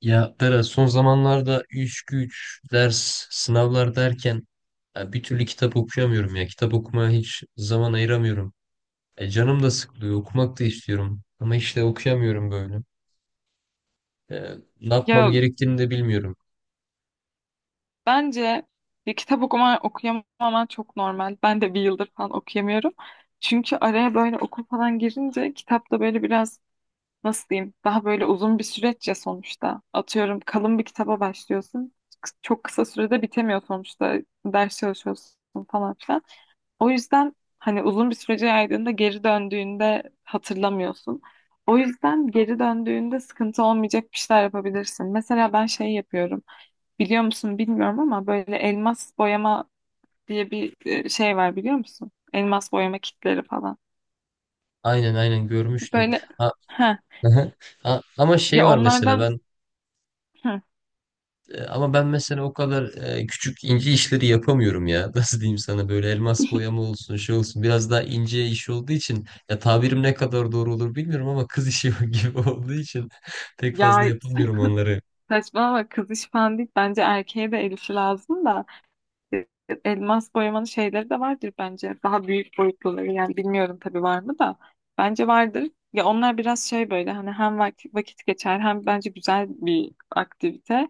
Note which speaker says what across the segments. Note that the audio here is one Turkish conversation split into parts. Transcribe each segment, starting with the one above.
Speaker 1: Ya Berat, son zamanlarda iş güç, ders, sınavlar derken ya bir türlü kitap okuyamıyorum ya. Kitap okumaya hiç zaman ayıramıyorum. Canım da sıkılıyor, okumak da istiyorum. Ama işte okuyamıyorum böyle. E, Ne yapmam
Speaker 2: Ya
Speaker 1: gerektiğini de bilmiyorum.
Speaker 2: bence bir kitap okuyamaman çok normal. Ben de bir yıldır falan okuyamıyorum. Çünkü araya böyle okul falan girince kitap da böyle biraz nasıl diyeyim daha böyle uzun bir süreç ya sonuçta. Atıyorum kalın bir kitaba başlıyorsun. Çok kısa sürede bitemiyor sonuçta. Ders çalışıyorsun falan filan. O yüzden hani uzun bir sürece yaydığında geri döndüğünde hatırlamıyorsun. O yüzden geri döndüğünde sıkıntı olmayacak bir şeyler yapabilirsin. Mesela ben şey yapıyorum. Biliyor musun bilmiyorum ama böyle elmas boyama diye bir şey var biliyor musun? Elmas boyama kitleri falan.
Speaker 1: Aynen, aynen, görmüştüm.
Speaker 2: Böyle
Speaker 1: Ha.
Speaker 2: ha,
Speaker 1: Ha, ama şey
Speaker 2: ya
Speaker 1: var mesela
Speaker 2: onlardan
Speaker 1: ben
Speaker 2: heh,
Speaker 1: Ama ben mesela o kadar küçük ince işleri yapamıyorum ya. Nasıl diyeyim sana, böyle elmas boyama olsun şey olsun, biraz daha ince iş olduğu için, ya tabirim ne kadar doğru olur bilmiyorum ama kız işi gibi olduğu için pek
Speaker 2: ya,
Speaker 1: fazla yapamıyorum onları.
Speaker 2: saçmalama kız iş falan değil. Bence erkeğe de el işi lazım da. Elmas boyamanın şeyleri de vardır bence. Daha büyük boyutluları yani bilmiyorum tabii var mı da. Bence vardır. Ya onlar biraz şey böyle hani hem vakit geçer hem bence güzel bir aktivite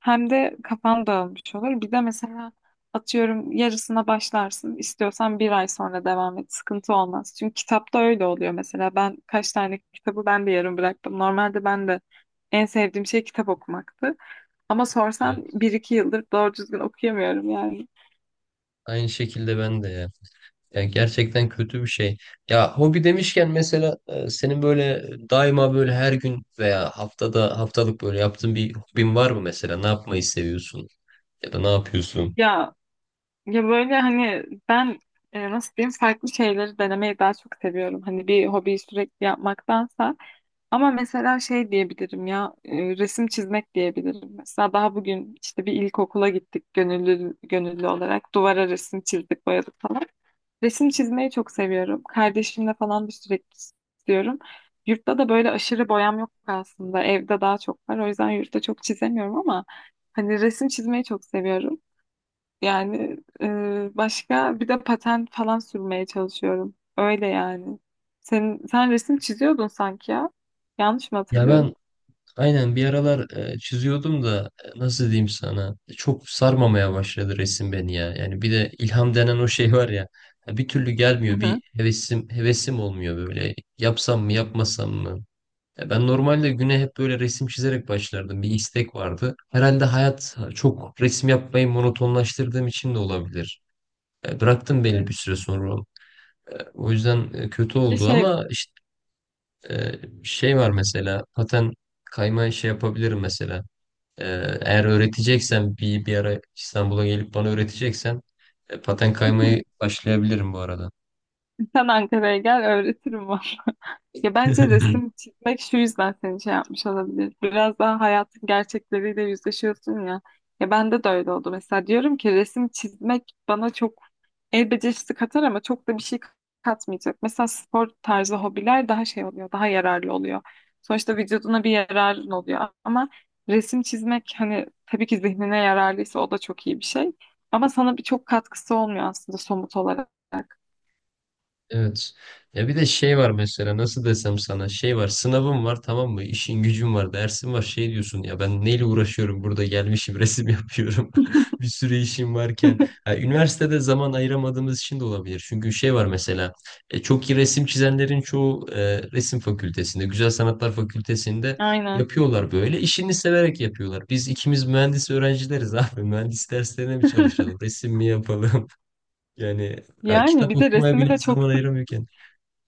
Speaker 2: hem de kafan dağılmış olur. Bir de mesela atıyorum yarısına başlarsın istiyorsan bir ay sonra devam et sıkıntı olmaz. Çünkü kitapta öyle oluyor mesela kaç tane kitabı ben de yarım bıraktım. Normalde ben de en sevdiğim şey kitap okumaktı. Ama sorsan
Speaker 1: Evet.
Speaker 2: bir iki yıldır doğru düzgün okuyamıyorum yani.
Speaker 1: Aynı şekilde ben de ya. Yani gerçekten kötü bir şey. Ya hobi demişken, mesela, senin böyle daima, böyle her gün veya haftada, haftalık böyle yaptığın bir hobin var mı mesela? Ne yapmayı seviyorsun ya da ne yapıyorsun?
Speaker 2: Ya ya böyle hani ben nasıl diyeyim farklı şeyleri denemeyi daha çok seviyorum. Hani bir hobiyi sürekli yapmaktansa. Ama mesela şey diyebilirim ya resim çizmek diyebilirim. Mesela daha bugün işte bir ilkokula gittik gönüllü olarak duvara resim çizdik boyadık falan. Resim çizmeyi çok seviyorum. Kardeşimle falan da sürekli istiyorum. Yurtta da böyle aşırı boyam yok aslında. Evde daha çok var. O yüzden yurtta çok çizemiyorum ama hani resim çizmeyi çok seviyorum. Yani başka bir de patent falan sürmeye çalışıyorum. Öyle yani. Sen resim çiziyordun sanki ya. Yanlış mı
Speaker 1: Ya
Speaker 2: hatırlıyorum?
Speaker 1: ben, aynen, bir aralar çiziyordum da, nasıl diyeyim sana, çok sarmamaya başladı resim beni ya. Yani bir de ilham denen o şey var ya, ya bir türlü
Speaker 2: Hı
Speaker 1: gelmiyor, bir
Speaker 2: hı.
Speaker 1: hevesim olmuyor böyle, yapsam mı
Speaker 2: Hı hı.
Speaker 1: yapmasam mı? Ya ben normalde güne hep böyle resim çizerek başlardım, bir istek vardı. Herhalde hayat çok, resim yapmayı monotonlaştırdığım için de olabilir. Bıraktım belli
Speaker 2: Evet.
Speaker 1: bir süre sonra. O yüzden kötü
Speaker 2: Bir
Speaker 1: oldu
Speaker 2: şey,
Speaker 1: ama işte, e, şey var mesela paten kayma şey yapabilirim mesela. Ee, Eğer öğreteceksen, bir ara İstanbul'a gelip bana öğreteceksen, paten kaymayı başlayabilirim bu arada.
Speaker 2: sen Ankara'ya gel öğretirim bana. Ya bence resim çizmek şu yüzden seni şey yapmış olabilir. Biraz daha hayatın gerçekleriyle yüzleşiyorsun ya. Ya bende de öyle oldu. Mesela diyorum ki resim çizmek bana çok el becerisi katar ama çok da bir şey katmayacak. Mesela spor tarzı hobiler daha şey oluyor, daha yararlı oluyor. Sonuçta vücuduna bir yararın oluyor. Ama resim çizmek hani tabii ki zihnine yararlıysa o da çok iyi bir şey. Ama sana bir çok katkısı olmuyor aslında somut olarak.
Speaker 1: Evet. Ya bir de şey var mesela, nasıl desem sana, şey var, sınavım var, tamam mı, işin gücün var, dersin var, şey diyorsun ya, ben neyle uğraşıyorum burada, gelmişim resim yapıyorum bir sürü işim varken. Ha, üniversitede zaman ayıramadığımız için de olabilir, çünkü şey var mesela, çok iyi resim çizenlerin çoğu resim fakültesinde, Güzel Sanatlar Fakültesinde
Speaker 2: Aynen.
Speaker 1: yapıyorlar, böyle işini severek yapıyorlar. Biz ikimiz mühendis öğrencileriz abi, mühendis derslerine mi çalışalım, resim mi yapalım yani, ya
Speaker 2: Yani
Speaker 1: kitap
Speaker 2: bir de
Speaker 1: okumaya
Speaker 2: resmi
Speaker 1: bile
Speaker 2: de çok
Speaker 1: zaman
Speaker 2: sık
Speaker 1: ayıramıyorken.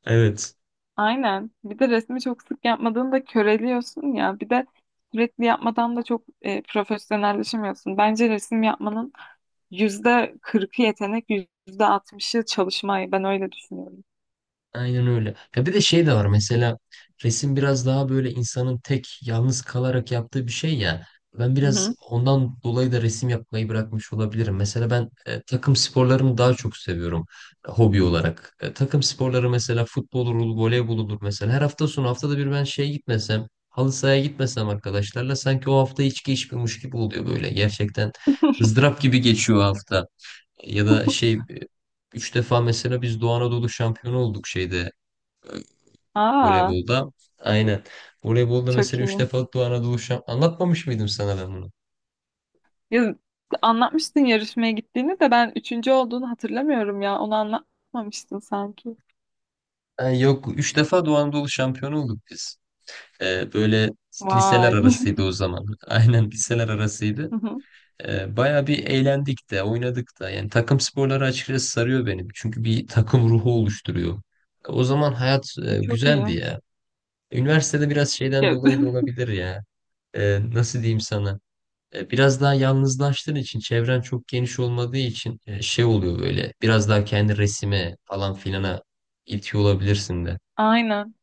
Speaker 1: Evet.
Speaker 2: aynen. Bir de resmi çok sık yapmadığında köreliyorsun ya. Bir de sürekli yapmadan da çok profesyonelleşemiyorsun. Bence resim yapmanın %40'ı yetenek, %60'ı çalışmayı. Ben öyle düşünüyorum.
Speaker 1: Aynen öyle. Ya bir de şey de var mesela, resim biraz daha böyle insanın tek, yalnız kalarak yaptığı bir şey ya. Ben
Speaker 2: Hı
Speaker 1: biraz
Speaker 2: hı.
Speaker 1: ondan dolayı da resim yapmayı bırakmış olabilirim. Mesela ben takım sporlarını daha çok seviyorum hobi olarak. Takım sporları, mesela futbol olur, voleybol olur mesela. Her hafta sonu, haftada bir ben şeye gitmesem, halı sahaya gitmesem arkadaşlarla, sanki o hafta hiç geçmiyormuş gibi oluyor böyle. Gerçekten ızdırap gibi geçiyor o hafta. Ya da şey, üç defa mesela biz Doğu Anadolu şampiyonu olduk şeyde,
Speaker 2: Aa,
Speaker 1: voleybolda. Aynen. Voleybolda
Speaker 2: çok
Speaker 1: mesela,
Speaker 2: iyi.
Speaker 1: üç defa Doğu Anadolu şampiyonu. Anlatmamış mıydım sana ben bunu?
Speaker 2: Ya, anlatmıştın yarışmaya gittiğini de ben üçüncü olduğunu hatırlamıyorum ya. Onu anlatmamıştın sanki.
Speaker 1: Ay yok. Üç defa Doğu Anadolu şampiyonu olduk biz. Böyle liseler
Speaker 2: Vay.
Speaker 1: arasıydı o zaman. Aynen, liseler arasıydı.
Speaker 2: Hı hı.
Speaker 1: Baya bir eğlendik de, oynadık da. Yani takım sporları açıkçası sarıyor benim. Çünkü bir takım ruhu oluşturuyor. O zaman hayat
Speaker 2: Çok iyi.
Speaker 1: güzeldi ya. Üniversitede biraz şeyden
Speaker 2: Ya,
Speaker 1: dolayı da olabilir ya. Nasıl diyeyim sana? Biraz daha yalnızlaştığın için, çevren çok geniş olmadığı için şey oluyor böyle, biraz daha kendi resime falan filana itiyor olabilirsin de.
Speaker 2: aynen.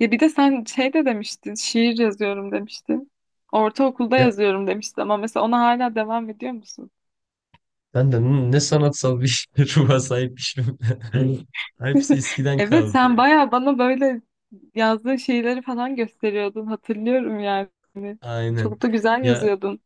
Speaker 2: Ya bir de sen şey de demiştin, şiir yazıyorum demiştin. Ortaokulda
Speaker 1: Ya
Speaker 2: yazıyorum demiştin ama mesela ona hala devam ediyor musun?
Speaker 1: ben de ne sanatsal bir ruha sahipmişim. Hepsi eskiden
Speaker 2: Evet
Speaker 1: kaldı
Speaker 2: sen
Speaker 1: ya.
Speaker 2: bayağı bana böyle yazdığın şeyleri falan gösteriyordun. Hatırlıyorum yani.
Speaker 1: Aynen.
Speaker 2: Çok da güzel
Speaker 1: Ya
Speaker 2: yazıyordun.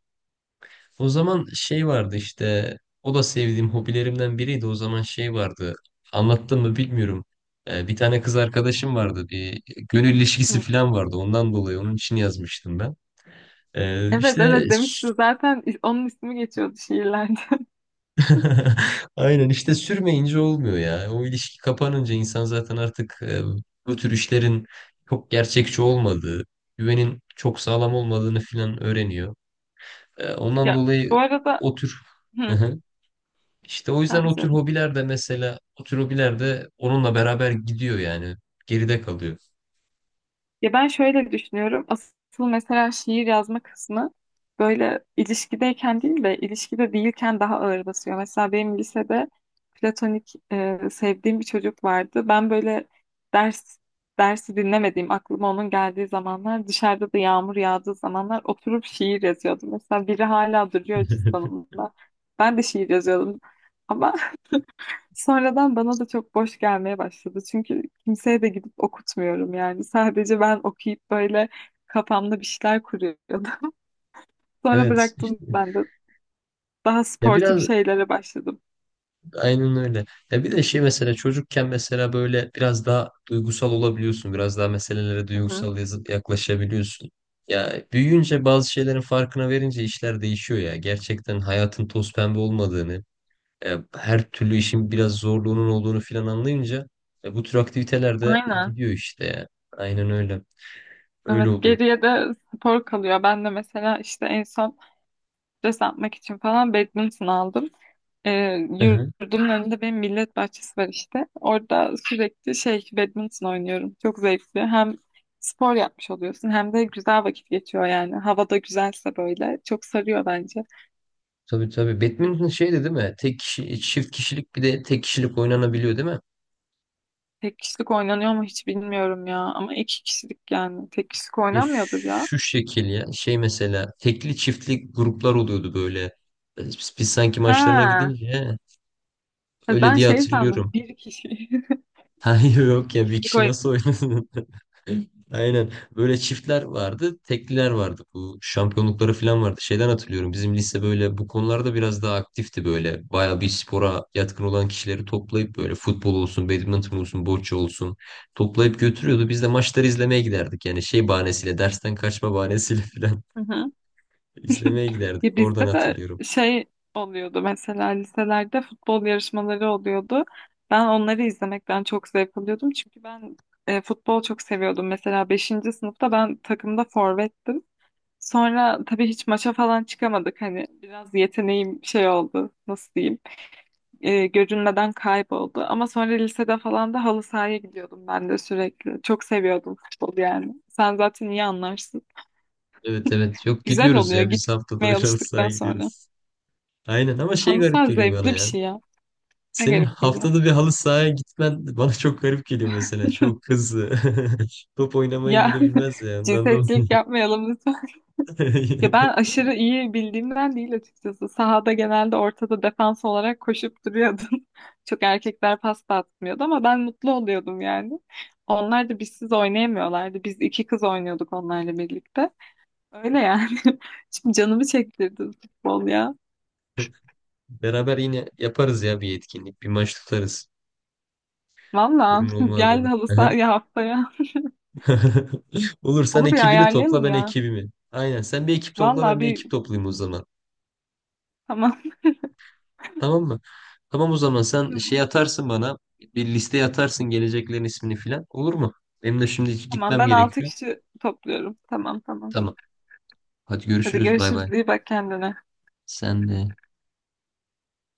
Speaker 1: o zaman şey vardı işte, o da sevdiğim hobilerimden biriydi. O zaman şey vardı, anlattım mı bilmiyorum. Bir tane kız arkadaşım vardı, bir gönül ilişkisi
Speaker 2: Hı.
Speaker 1: falan vardı, ondan dolayı onun için yazmıştım ben.
Speaker 2: Evet
Speaker 1: İşte
Speaker 2: evet demiştin zaten onun ismi geçiyordu şiirlerde.
Speaker 1: Aynen işte, sürmeyince olmuyor ya. O ilişki kapanınca insan zaten artık bu tür işlerin çok gerçekçi olmadığı, güvenin çok sağlam olmadığını filan öğreniyor. Ondan
Speaker 2: Ya
Speaker 1: dolayı
Speaker 2: bu arada
Speaker 1: o tür, hı
Speaker 2: hı,
Speaker 1: hı, işte o yüzden
Speaker 2: sen
Speaker 1: o tür
Speaker 2: söyle.
Speaker 1: hobiler de, mesela o tür hobiler de onunla beraber gidiyor yani, geride kalıyor.
Speaker 2: Ya ben şöyle düşünüyorum. Asıl mesela şiir yazma kısmı böyle ilişkideyken değil de ilişkide değilken daha ağır basıyor. Mesela benim lisede platonik sevdiğim bir çocuk vardı. Ben böyle ders dersi dinlemediğim, aklıma onun geldiği zamanlar, dışarıda da yağmur yağdığı zamanlar oturup şiir yazıyordum. Mesela biri hala duruyor cüzdanımda. Ben de şiir yazıyordum. Ama sonradan bana da çok boş gelmeye başladı. Çünkü kimseye de gidip okutmuyorum yani. Sadece ben okuyup böyle kafamda bir şeyler kuruyordum. Sonra
Speaker 1: Evet,
Speaker 2: bıraktım
Speaker 1: işte.
Speaker 2: ben de. Daha
Speaker 1: Ya
Speaker 2: sportif
Speaker 1: biraz,
Speaker 2: şeylere başladım.
Speaker 1: aynen öyle. Ya bir de şey, mesela çocukken mesela böyle biraz daha duygusal olabiliyorsun. Biraz daha meselelere
Speaker 2: Hı hı.
Speaker 1: duygusal yaklaşabiliyorsun. Ya büyüyünce bazı şeylerin farkına verince işler değişiyor ya. Gerçekten hayatın toz pembe olmadığını, her türlü işin biraz zorluğunun olduğunu filan anlayınca bu tür aktiviteler de
Speaker 2: Aynen.
Speaker 1: gidiyor işte ya. Aynen öyle. Öyle
Speaker 2: Evet
Speaker 1: oluyor.
Speaker 2: geriye de spor kalıyor. Ben de mesela işte en son stres atmak için falan badminton aldım. Ee,
Speaker 1: Hı hı.
Speaker 2: yurdumun önünde benim millet bahçesi var işte. Orada sürekli şey badminton oynuyorum. Çok zevkli. Hem spor yapmış oluyorsun hem de güzel vakit geçiyor yani. Hava da güzelse böyle çok sarıyor bence.
Speaker 1: Tabii, tabii. Badminton şeydi değil mi? Tek kişi, çift kişilik, bir de tek kişilik oynanabiliyor değil mi?
Speaker 2: Tek kişilik oynanıyor mu hiç bilmiyorum ya. Ama iki kişilik yani. Tek kişilik
Speaker 1: Ya
Speaker 2: oynanmıyordur ya.
Speaker 1: şu şekil, ya şey, mesela tekli çiftli gruplar oluyordu böyle. Biz sanki maçlarına
Speaker 2: Ha.
Speaker 1: gidince, he, öyle
Speaker 2: Ben
Speaker 1: diye
Speaker 2: şey sandım
Speaker 1: hatırlıyorum.
Speaker 2: bir kişi.
Speaker 1: Hayır, yok
Speaker 2: İki
Speaker 1: ya, bir
Speaker 2: kişilik
Speaker 1: kişi
Speaker 2: oyun.
Speaker 1: nasıl oynasın? Aynen, böyle çiftler vardı, tekliler vardı, bu şampiyonlukları falan vardı. Şeyden hatırlıyorum, bizim lise böyle bu konularda biraz daha aktifti, böyle baya bir spora yatkın olan kişileri toplayıp, böyle futbol olsun, badminton olsun, bocce olsun, toplayıp götürüyordu. Biz de maçları izlemeye giderdik, yani şey bahanesiyle, dersten kaçma bahanesiyle İzlemeye giderdik.
Speaker 2: Ya
Speaker 1: Oradan
Speaker 2: bizde de
Speaker 1: hatırlıyorum.
Speaker 2: şey oluyordu mesela liselerde futbol yarışmaları oluyordu. Ben onları izlemekten çok zevk alıyordum. Çünkü ben futbol çok seviyordum. Mesela beşinci sınıfta ben takımda forvettim. Sonra tabii hiç maça falan çıkamadık. Hani biraz yeteneğim şey oldu nasıl diyeyim görünmeden kayboldu. Ama sonra lisede falan da halı sahaya gidiyordum ben de sürekli. Çok seviyordum futbolu yani. Sen zaten iyi anlarsın.
Speaker 1: Evet, evet. Yok,
Speaker 2: Güzel
Speaker 1: gidiyoruz
Speaker 2: oluyor
Speaker 1: ya. Biz haftada bir
Speaker 2: gitmeye
Speaker 1: halı
Speaker 2: alıştıktan
Speaker 1: sahaya
Speaker 2: sonra.
Speaker 1: gideriz. Aynen, ama şey
Speaker 2: Halı
Speaker 1: garip
Speaker 2: saha
Speaker 1: geliyor bana
Speaker 2: zevkli bir
Speaker 1: ya.
Speaker 2: şey ya. Ne
Speaker 1: Senin
Speaker 2: garip geliyor.
Speaker 1: haftada bir halı sahaya gitmen bana çok garip geliyor mesela. Çok hızlı. Top oynamayı
Speaker 2: Ya,
Speaker 1: bile bilmez ya. Ondan dolayı.
Speaker 2: cinsiyetçilik yapmayalım lütfen. Ya ben aşırı iyi bildiğimden değil açıkçası. Sahada genelde ortada defans olarak koşup duruyordum. Çok erkekler pas da atmıyordu ama ben mutlu oluyordum yani. Onlar da bizsiz oynayamıyorlardı. Biz iki kız oynuyorduk onlarla birlikte. Öyle yani. Şimdi canımı çektirdi futbol ya.
Speaker 1: Beraber yine yaparız ya bir etkinlik. Bir maç tutarız.
Speaker 2: Valla
Speaker 1: Sorun
Speaker 2: gel
Speaker 1: olmadığını.
Speaker 2: halı sahaya haftaya.
Speaker 1: Olur, sen
Speaker 2: Onu bir
Speaker 1: ekibini topla,
Speaker 2: ayarlayalım
Speaker 1: ben
Speaker 2: ya.
Speaker 1: ekibimi. Aynen, sen bir ekip topla, ben
Speaker 2: Valla
Speaker 1: bir
Speaker 2: bir
Speaker 1: ekip toplayayım o zaman.
Speaker 2: tamam.
Speaker 1: Tamam mı? Tamam, o zaman sen şey atarsın bana. Bir liste atarsın, geleceklerin ismini filan. Olur mu? Benim de şimdi
Speaker 2: Tamam
Speaker 1: gitmem
Speaker 2: ben 6
Speaker 1: gerekiyor.
Speaker 2: kişi topluyorum. Tamam tamam.
Speaker 1: Tamam. Hadi
Speaker 2: Hadi
Speaker 1: görüşürüz. Bay
Speaker 2: görüşürüz.
Speaker 1: bay.
Speaker 2: İyi bak kendine.
Speaker 1: Sen de.